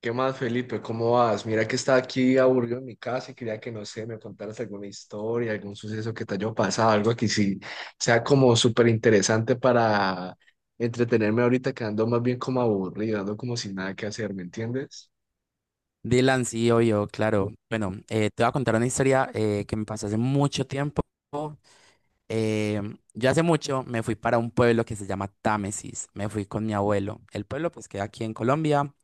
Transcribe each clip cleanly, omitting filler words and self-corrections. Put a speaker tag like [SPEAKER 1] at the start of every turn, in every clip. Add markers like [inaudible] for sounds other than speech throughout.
[SPEAKER 1] ¿Qué más, Felipe? ¿Cómo vas? Mira que estaba aquí aburrido en mi casa y quería que, no sé, me contaras alguna historia, algún suceso que te haya pasado, algo que sí sea como súper interesante para entretenerme ahorita, que ando más bien como aburrido, ando como sin nada que hacer, ¿me entiendes?
[SPEAKER 2] Dylan, sí, obvio, claro. Bueno, te voy a contar una historia que me pasó hace mucho tiempo. Eh, yo hace mucho me fui para un pueblo que se llama Támesis. Me fui con mi abuelo. El pueblo pues queda aquí en Colombia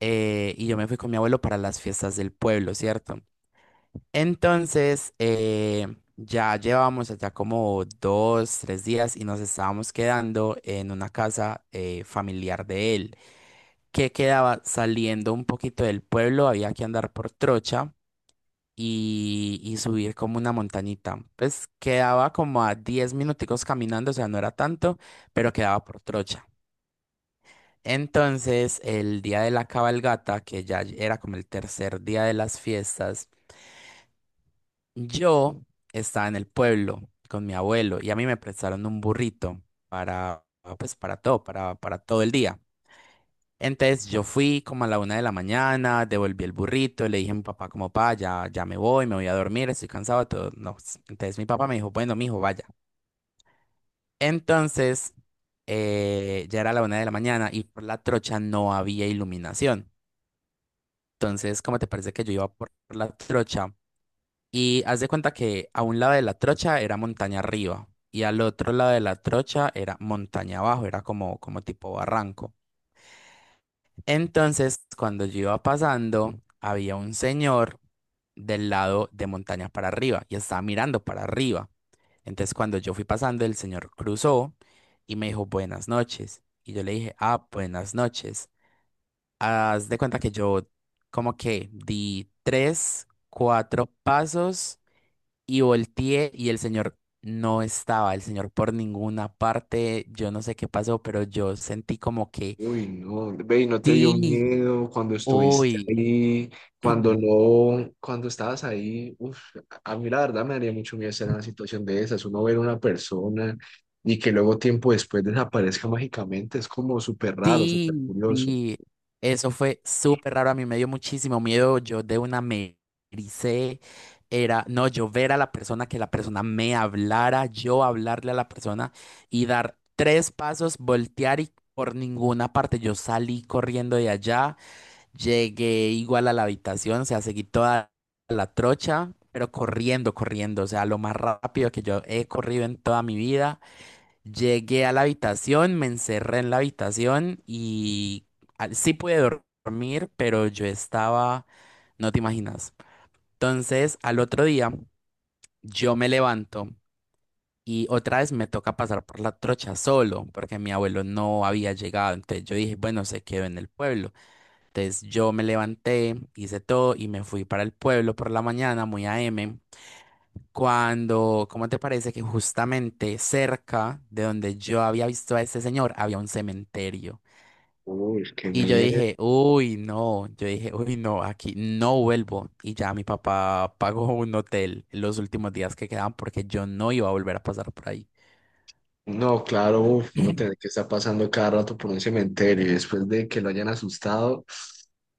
[SPEAKER 2] y yo me fui con mi abuelo para las fiestas del pueblo, ¿cierto? Entonces, ya llevábamos allá como 2, 3 días y nos estábamos quedando en una casa familiar de él, que quedaba saliendo un poquito del pueblo, había que andar por trocha y subir como una montañita. Pues quedaba como a 10 minuticos caminando, o sea, no era tanto, pero quedaba por trocha. Entonces, el día de la cabalgata, que ya era como el tercer día de las fiestas, yo estaba en el pueblo con mi abuelo y a mí me prestaron un burrito para, pues, para todo, para todo el día. Entonces yo fui como a la 1 de la mañana, devolví el burrito, le dije a mi papá como, pa, ya, ya me voy a dormir, estoy cansado, todo. No, entonces mi papá me dijo, bueno, mijo, vaya. Entonces ya era la 1 de la mañana y por la trocha no había iluminación. Entonces, ¿cómo te parece que yo iba por la trocha? Y haz de cuenta que a un lado de la trocha era montaña arriba y al otro lado de la trocha era montaña abajo, era como tipo barranco. Entonces, cuando yo iba pasando, había un señor del lado de montaña para arriba y estaba mirando para arriba. Entonces, cuando yo fui pasando, el señor cruzó y me dijo buenas noches. Y yo le dije, ah, buenas noches. Haz de cuenta que yo como que di tres, cuatro pasos y volteé y el señor no estaba, el señor por ninguna parte, yo no sé qué pasó, pero yo sentí como que,
[SPEAKER 1] Uy, no, ve, ¿y no te dio
[SPEAKER 2] sí,
[SPEAKER 1] miedo cuando estuviste
[SPEAKER 2] uy.
[SPEAKER 1] ahí, cuando
[SPEAKER 2] [clears throat]
[SPEAKER 1] no, cuando estabas ahí, uf, a mí la verdad me daría mucho miedo estar en una situación de esas, uno ver a una persona y que luego tiempo después desaparezca mágicamente, es como súper raro, súper
[SPEAKER 2] Sí,
[SPEAKER 1] curioso.
[SPEAKER 2] sí, eso fue súper raro, a mí me dio muchísimo miedo, yo de una me ericé, era, no, yo ver a la persona, que la persona me hablara, yo hablarle a la persona y dar tres pasos, voltear y por ninguna parte, yo salí corriendo de allá, llegué igual a la habitación, o sea, seguí toda la trocha, pero corriendo, corriendo, o sea, lo más rápido que yo he corrido en toda mi vida. Llegué a la habitación, me encerré en la habitación y ah, sí pude dormir, pero yo estaba, no te imaginas. Entonces, al otro día, yo me levanto y otra vez me toca pasar por la trocha solo, porque mi abuelo no había llegado. Entonces yo dije, bueno, se quedó en el pueblo. Entonces yo me levanté, hice todo y me fui para el pueblo por la mañana, muy a m. Cuando, ¿cómo te parece que justamente cerca de donde yo había visto a este señor había un cementerio?
[SPEAKER 1] Uy, qué
[SPEAKER 2] Y yo
[SPEAKER 1] miedo.
[SPEAKER 2] dije, uy, no, yo dije, uy, no, aquí no vuelvo. Y ya mi papá pagó un hotel los últimos días que quedaban porque yo no iba a volver a pasar por ahí.
[SPEAKER 1] No, claro, uf, uno tiene que estar pasando cada rato por un cementerio y después de que lo hayan asustado,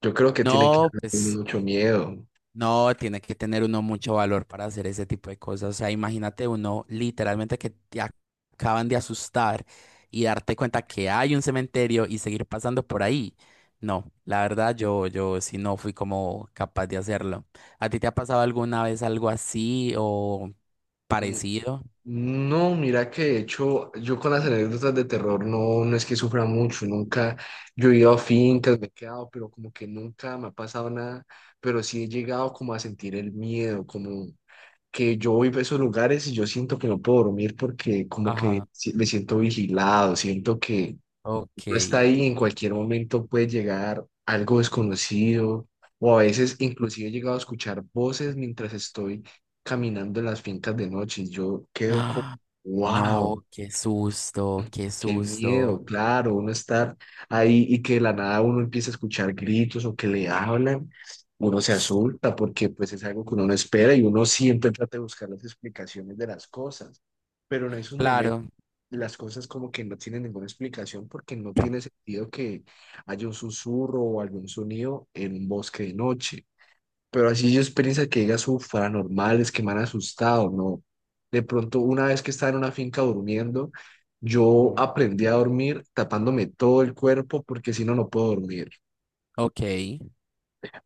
[SPEAKER 1] yo creo que tiene que
[SPEAKER 2] No,
[SPEAKER 1] haber
[SPEAKER 2] pues.
[SPEAKER 1] mucho miedo.
[SPEAKER 2] No, tiene que tener uno mucho valor para hacer ese tipo de cosas. O sea, imagínate uno literalmente que te acaban de asustar y darte cuenta que hay un cementerio y seguir pasando por ahí. No, la verdad yo sí no fui como capaz de hacerlo. ¿A ti te ha pasado alguna vez algo así o parecido?
[SPEAKER 1] No, mira que de hecho yo con las anécdotas de terror no, no es que sufra mucho, nunca yo he ido a fincas, me he quedado, pero como que nunca me ha pasado nada, pero sí he llegado como a sentir el miedo, como que yo voy a esos lugares y yo siento que no puedo dormir porque como que
[SPEAKER 2] Ajá.
[SPEAKER 1] me siento vigilado, siento que
[SPEAKER 2] Ok.
[SPEAKER 1] no está ahí, en cualquier momento puede llegar algo desconocido o a veces inclusive he llegado a escuchar voces mientras estoy caminando en las fincas de noche y yo quedo como,
[SPEAKER 2] Ah,
[SPEAKER 1] wow,
[SPEAKER 2] no, qué susto, qué
[SPEAKER 1] qué
[SPEAKER 2] susto.
[SPEAKER 1] miedo, claro, uno estar ahí y que de la nada uno empieza a escuchar gritos o que le hablan. Uno se asusta porque pues es algo que uno no espera y uno siempre trata de buscar las explicaciones de las cosas, pero en esos momentos
[SPEAKER 2] Claro.
[SPEAKER 1] las cosas como que no tienen ninguna explicación porque no tiene sentido que haya un susurro o algún sonido en un bosque de noche. Pero así yo experiencia que digas, uff, paranormales, que me han asustado, ¿no? De pronto, una vez que estaba en una finca durmiendo, yo
[SPEAKER 2] Ujú,
[SPEAKER 1] aprendí a dormir tapándome todo el cuerpo porque si no, no puedo dormir.
[SPEAKER 2] Ok.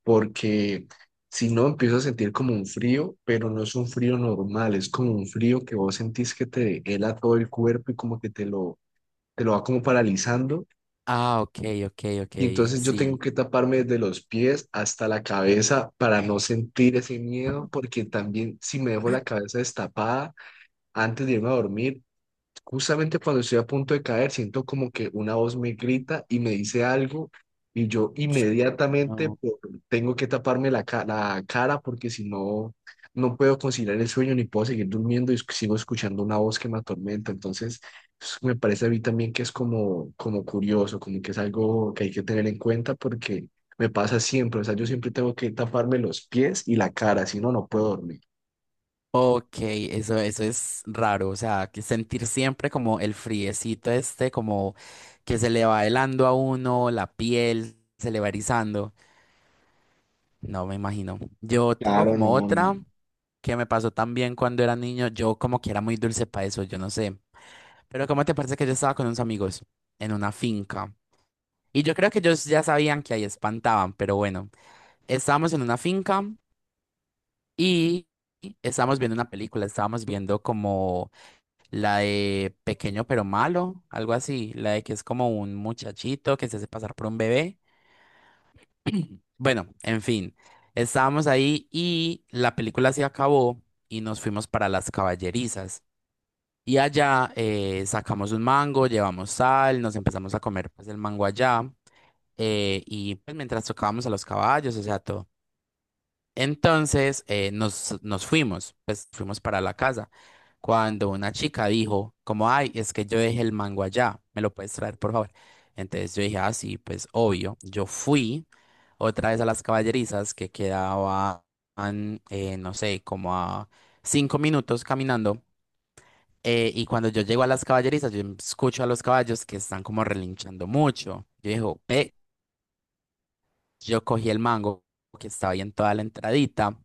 [SPEAKER 1] Porque si no, empiezo a sentir como un frío, pero no es un frío normal, es como un frío que vos sentís que te hela todo el cuerpo y como que te lo va como paralizando
[SPEAKER 2] Ah, ok, ok, ok.
[SPEAKER 1] y entonces yo tengo
[SPEAKER 2] Sí.
[SPEAKER 1] que taparme desde los pies hasta la cabeza para no sentir ese miedo, porque también si me dejo la cabeza destapada antes de irme a dormir, justamente cuando estoy a punto de caer, siento como que una voz me grita y me dice algo y yo inmediatamente
[SPEAKER 2] No.
[SPEAKER 1] tengo que taparme la, la cara porque si no, no puedo conciliar el sueño ni puedo seguir durmiendo y sigo escuchando una voz que me atormenta. Entonces, me parece a mí también que es como, como curioso, como que es algo que hay que tener en cuenta porque me pasa siempre, o sea, yo siempre tengo que taparme los pies y la cara, si no, no puedo dormir.
[SPEAKER 2] Ok, eso es raro, o sea, que sentir siempre como el friecito este, como que se le va helando a uno, la piel se le va erizando. No me imagino. Yo tengo
[SPEAKER 1] Claro, no.
[SPEAKER 2] como
[SPEAKER 1] No.
[SPEAKER 2] otra que me pasó también cuando era niño, yo como que era muy dulce para eso, yo no sé. Pero ¿cómo te parece que yo estaba con unos amigos en una finca? Y yo creo que ellos ya sabían que ahí espantaban, pero bueno, estábamos en una finca y estábamos viendo una película, estábamos viendo la de Pequeño pero Malo, algo así. La de que es como un muchachito que se hace pasar por un bebé. Bueno, en fin, estábamos ahí y la película se acabó y nos fuimos para las caballerizas. Y allá sacamos un mango, llevamos sal, nos empezamos a comer pues el mango allá. Y pues mientras tocábamos a los caballos, o sea, todo. Entonces nos fuimos, pues fuimos para la casa. Cuando una chica dijo, como, ay, es que yo dejé el mango allá, ¿me lo puedes traer, por favor? Entonces yo dije, ah, sí, pues obvio. Yo fui otra vez a las caballerizas que quedaban, no sé, como a 5 minutos caminando. Y cuando yo llego a las caballerizas, yo escucho a los caballos que están como relinchando mucho. Yo digo, yo cogí el mango que estaba ahí en toda la entradita.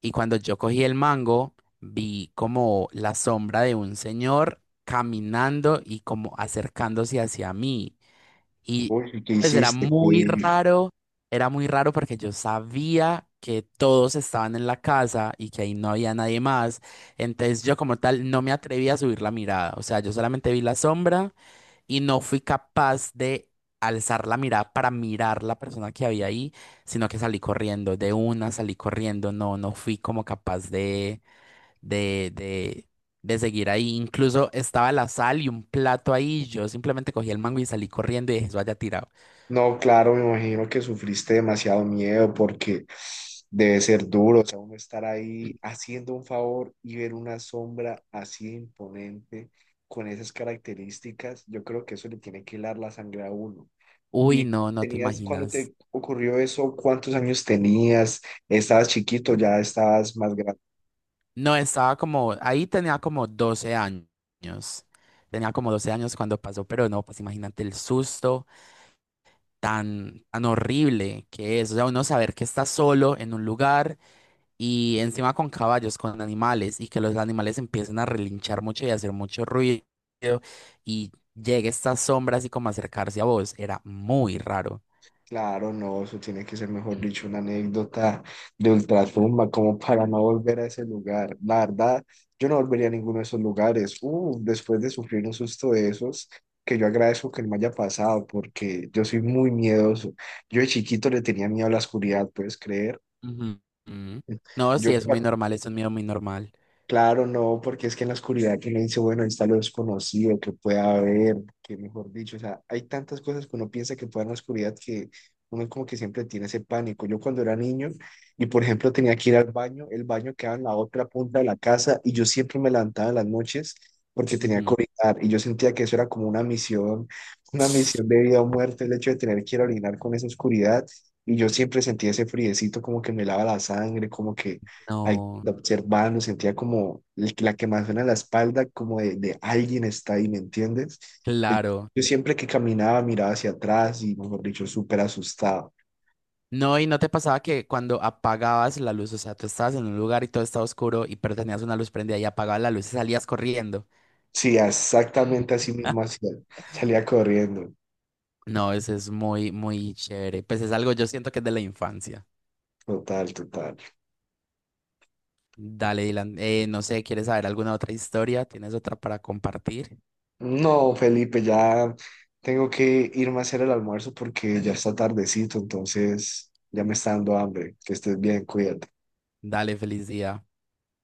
[SPEAKER 2] Y cuando yo cogí el mango, vi como la sombra de un señor caminando y como acercándose hacia mí. Y
[SPEAKER 1] Uy, ¿qué
[SPEAKER 2] pues
[SPEAKER 1] hiciste? Qué.
[SPEAKER 2] era muy raro porque yo sabía que todos estaban en la casa y que ahí no había nadie más. Entonces yo como tal no me atreví a subir la mirada. O sea, yo solamente vi la sombra y no fui capaz de alzar la mirada para mirar la persona que había ahí, sino que salí corriendo, de una salí corriendo, no, no fui como capaz de, de, de, seguir ahí. Incluso estaba la sal y un plato ahí, yo simplemente cogí el mango y salí corriendo y dejé eso allá tirado.
[SPEAKER 1] No, claro, me imagino que sufriste demasiado miedo porque debe ser duro, o sea, uno estar ahí haciendo un favor y ver una sombra así de imponente con esas características, yo creo que eso le tiene que helar la sangre a uno.
[SPEAKER 2] Uy,
[SPEAKER 1] ¿Y
[SPEAKER 2] no, no te
[SPEAKER 1] tenías, cuando
[SPEAKER 2] imaginas.
[SPEAKER 1] te ocurrió eso, cuántos años tenías? ¿Estabas chiquito, ya estabas más grande?
[SPEAKER 2] No, estaba como, ahí tenía como 12 años. Tenía como 12 años cuando pasó, pero no, pues imagínate el susto. Tan, tan horrible que es. O sea, uno saber que está solo en un lugar y encima con caballos, con animales, y que los animales empiecen a relinchar mucho y a hacer mucho ruido y llegue esta sombra así como a acercarse a vos. Era muy raro.
[SPEAKER 1] Claro, no, eso tiene que ser, mejor dicho, una anécdota de ultratumba, como para no volver a ese lugar. La verdad, yo no volvería a ninguno de esos lugares. Después de sufrir un susto de esos, que yo agradezco que no me haya pasado, porque yo soy muy miedoso. Yo de chiquito le tenía miedo a la oscuridad, ¿puedes creer?
[SPEAKER 2] Ujú. Ujú. No,
[SPEAKER 1] Yo,
[SPEAKER 2] sí, es muy normal, es un miedo muy normal.
[SPEAKER 1] claro, no, porque es que en la oscuridad que uno dice, bueno, ahí está lo desconocido, que pueda haber, que mejor dicho, o sea, hay tantas cosas que uno piensa que puede en la oscuridad que uno como que siempre tiene ese pánico. Yo cuando era niño y por ejemplo tenía que ir al baño, el baño quedaba en la otra punta de la casa y yo siempre me levantaba en las noches porque tenía que
[SPEAKER 2] Ujú.
[SPEAKER 1] orinar y yo sentía que eso era como una misión, [laughs] una misión de vida o muerte, el hecho de tener que ir a orinar con esa oscuridad y yo siempre sentía ese friecito como que me lava la sangre, como que
[SPEAKER 2] No,
[SPEAKER 1] la observando, sentía como la quemazón en la espalda, como de alguien está ahí, ¿me entiendes? Yo
[SPEAKER 2] claro.
[SPEAKER 1] yo siempre que caminaba miraba hacia atrás y, mejor dicho, súper asustado.
[SPEAKER 2] No, y no te pasaba que cuando apagabas la luz, o sea, tú estabas en un lugar y todo estaba oscuro y pero tenías una luz prendida y apagabas la luz y salías corriendo.
[SPEAKER 1] Sí, exactamente así mismo hacía, salía corriendo.
[SPEAKER 2] No, ese es muy, muy chévere. Pues es algo, yo siento que es de la infancia.
[SPEAKER 1] Total, total.
[SPEAKER 2] Dale, Dylan. No sé, ¿quieres saber alguna otra historia? ¿Tienes otra para compartir?
[SPEAKER 1] No, Felipe, ya tengo que irme a hacer el almuerzo porque ya está tardecito, entonces ya me está dando hambre. Que estés bien, cuídate.
[SPEAKER 2] Dale, feliz día.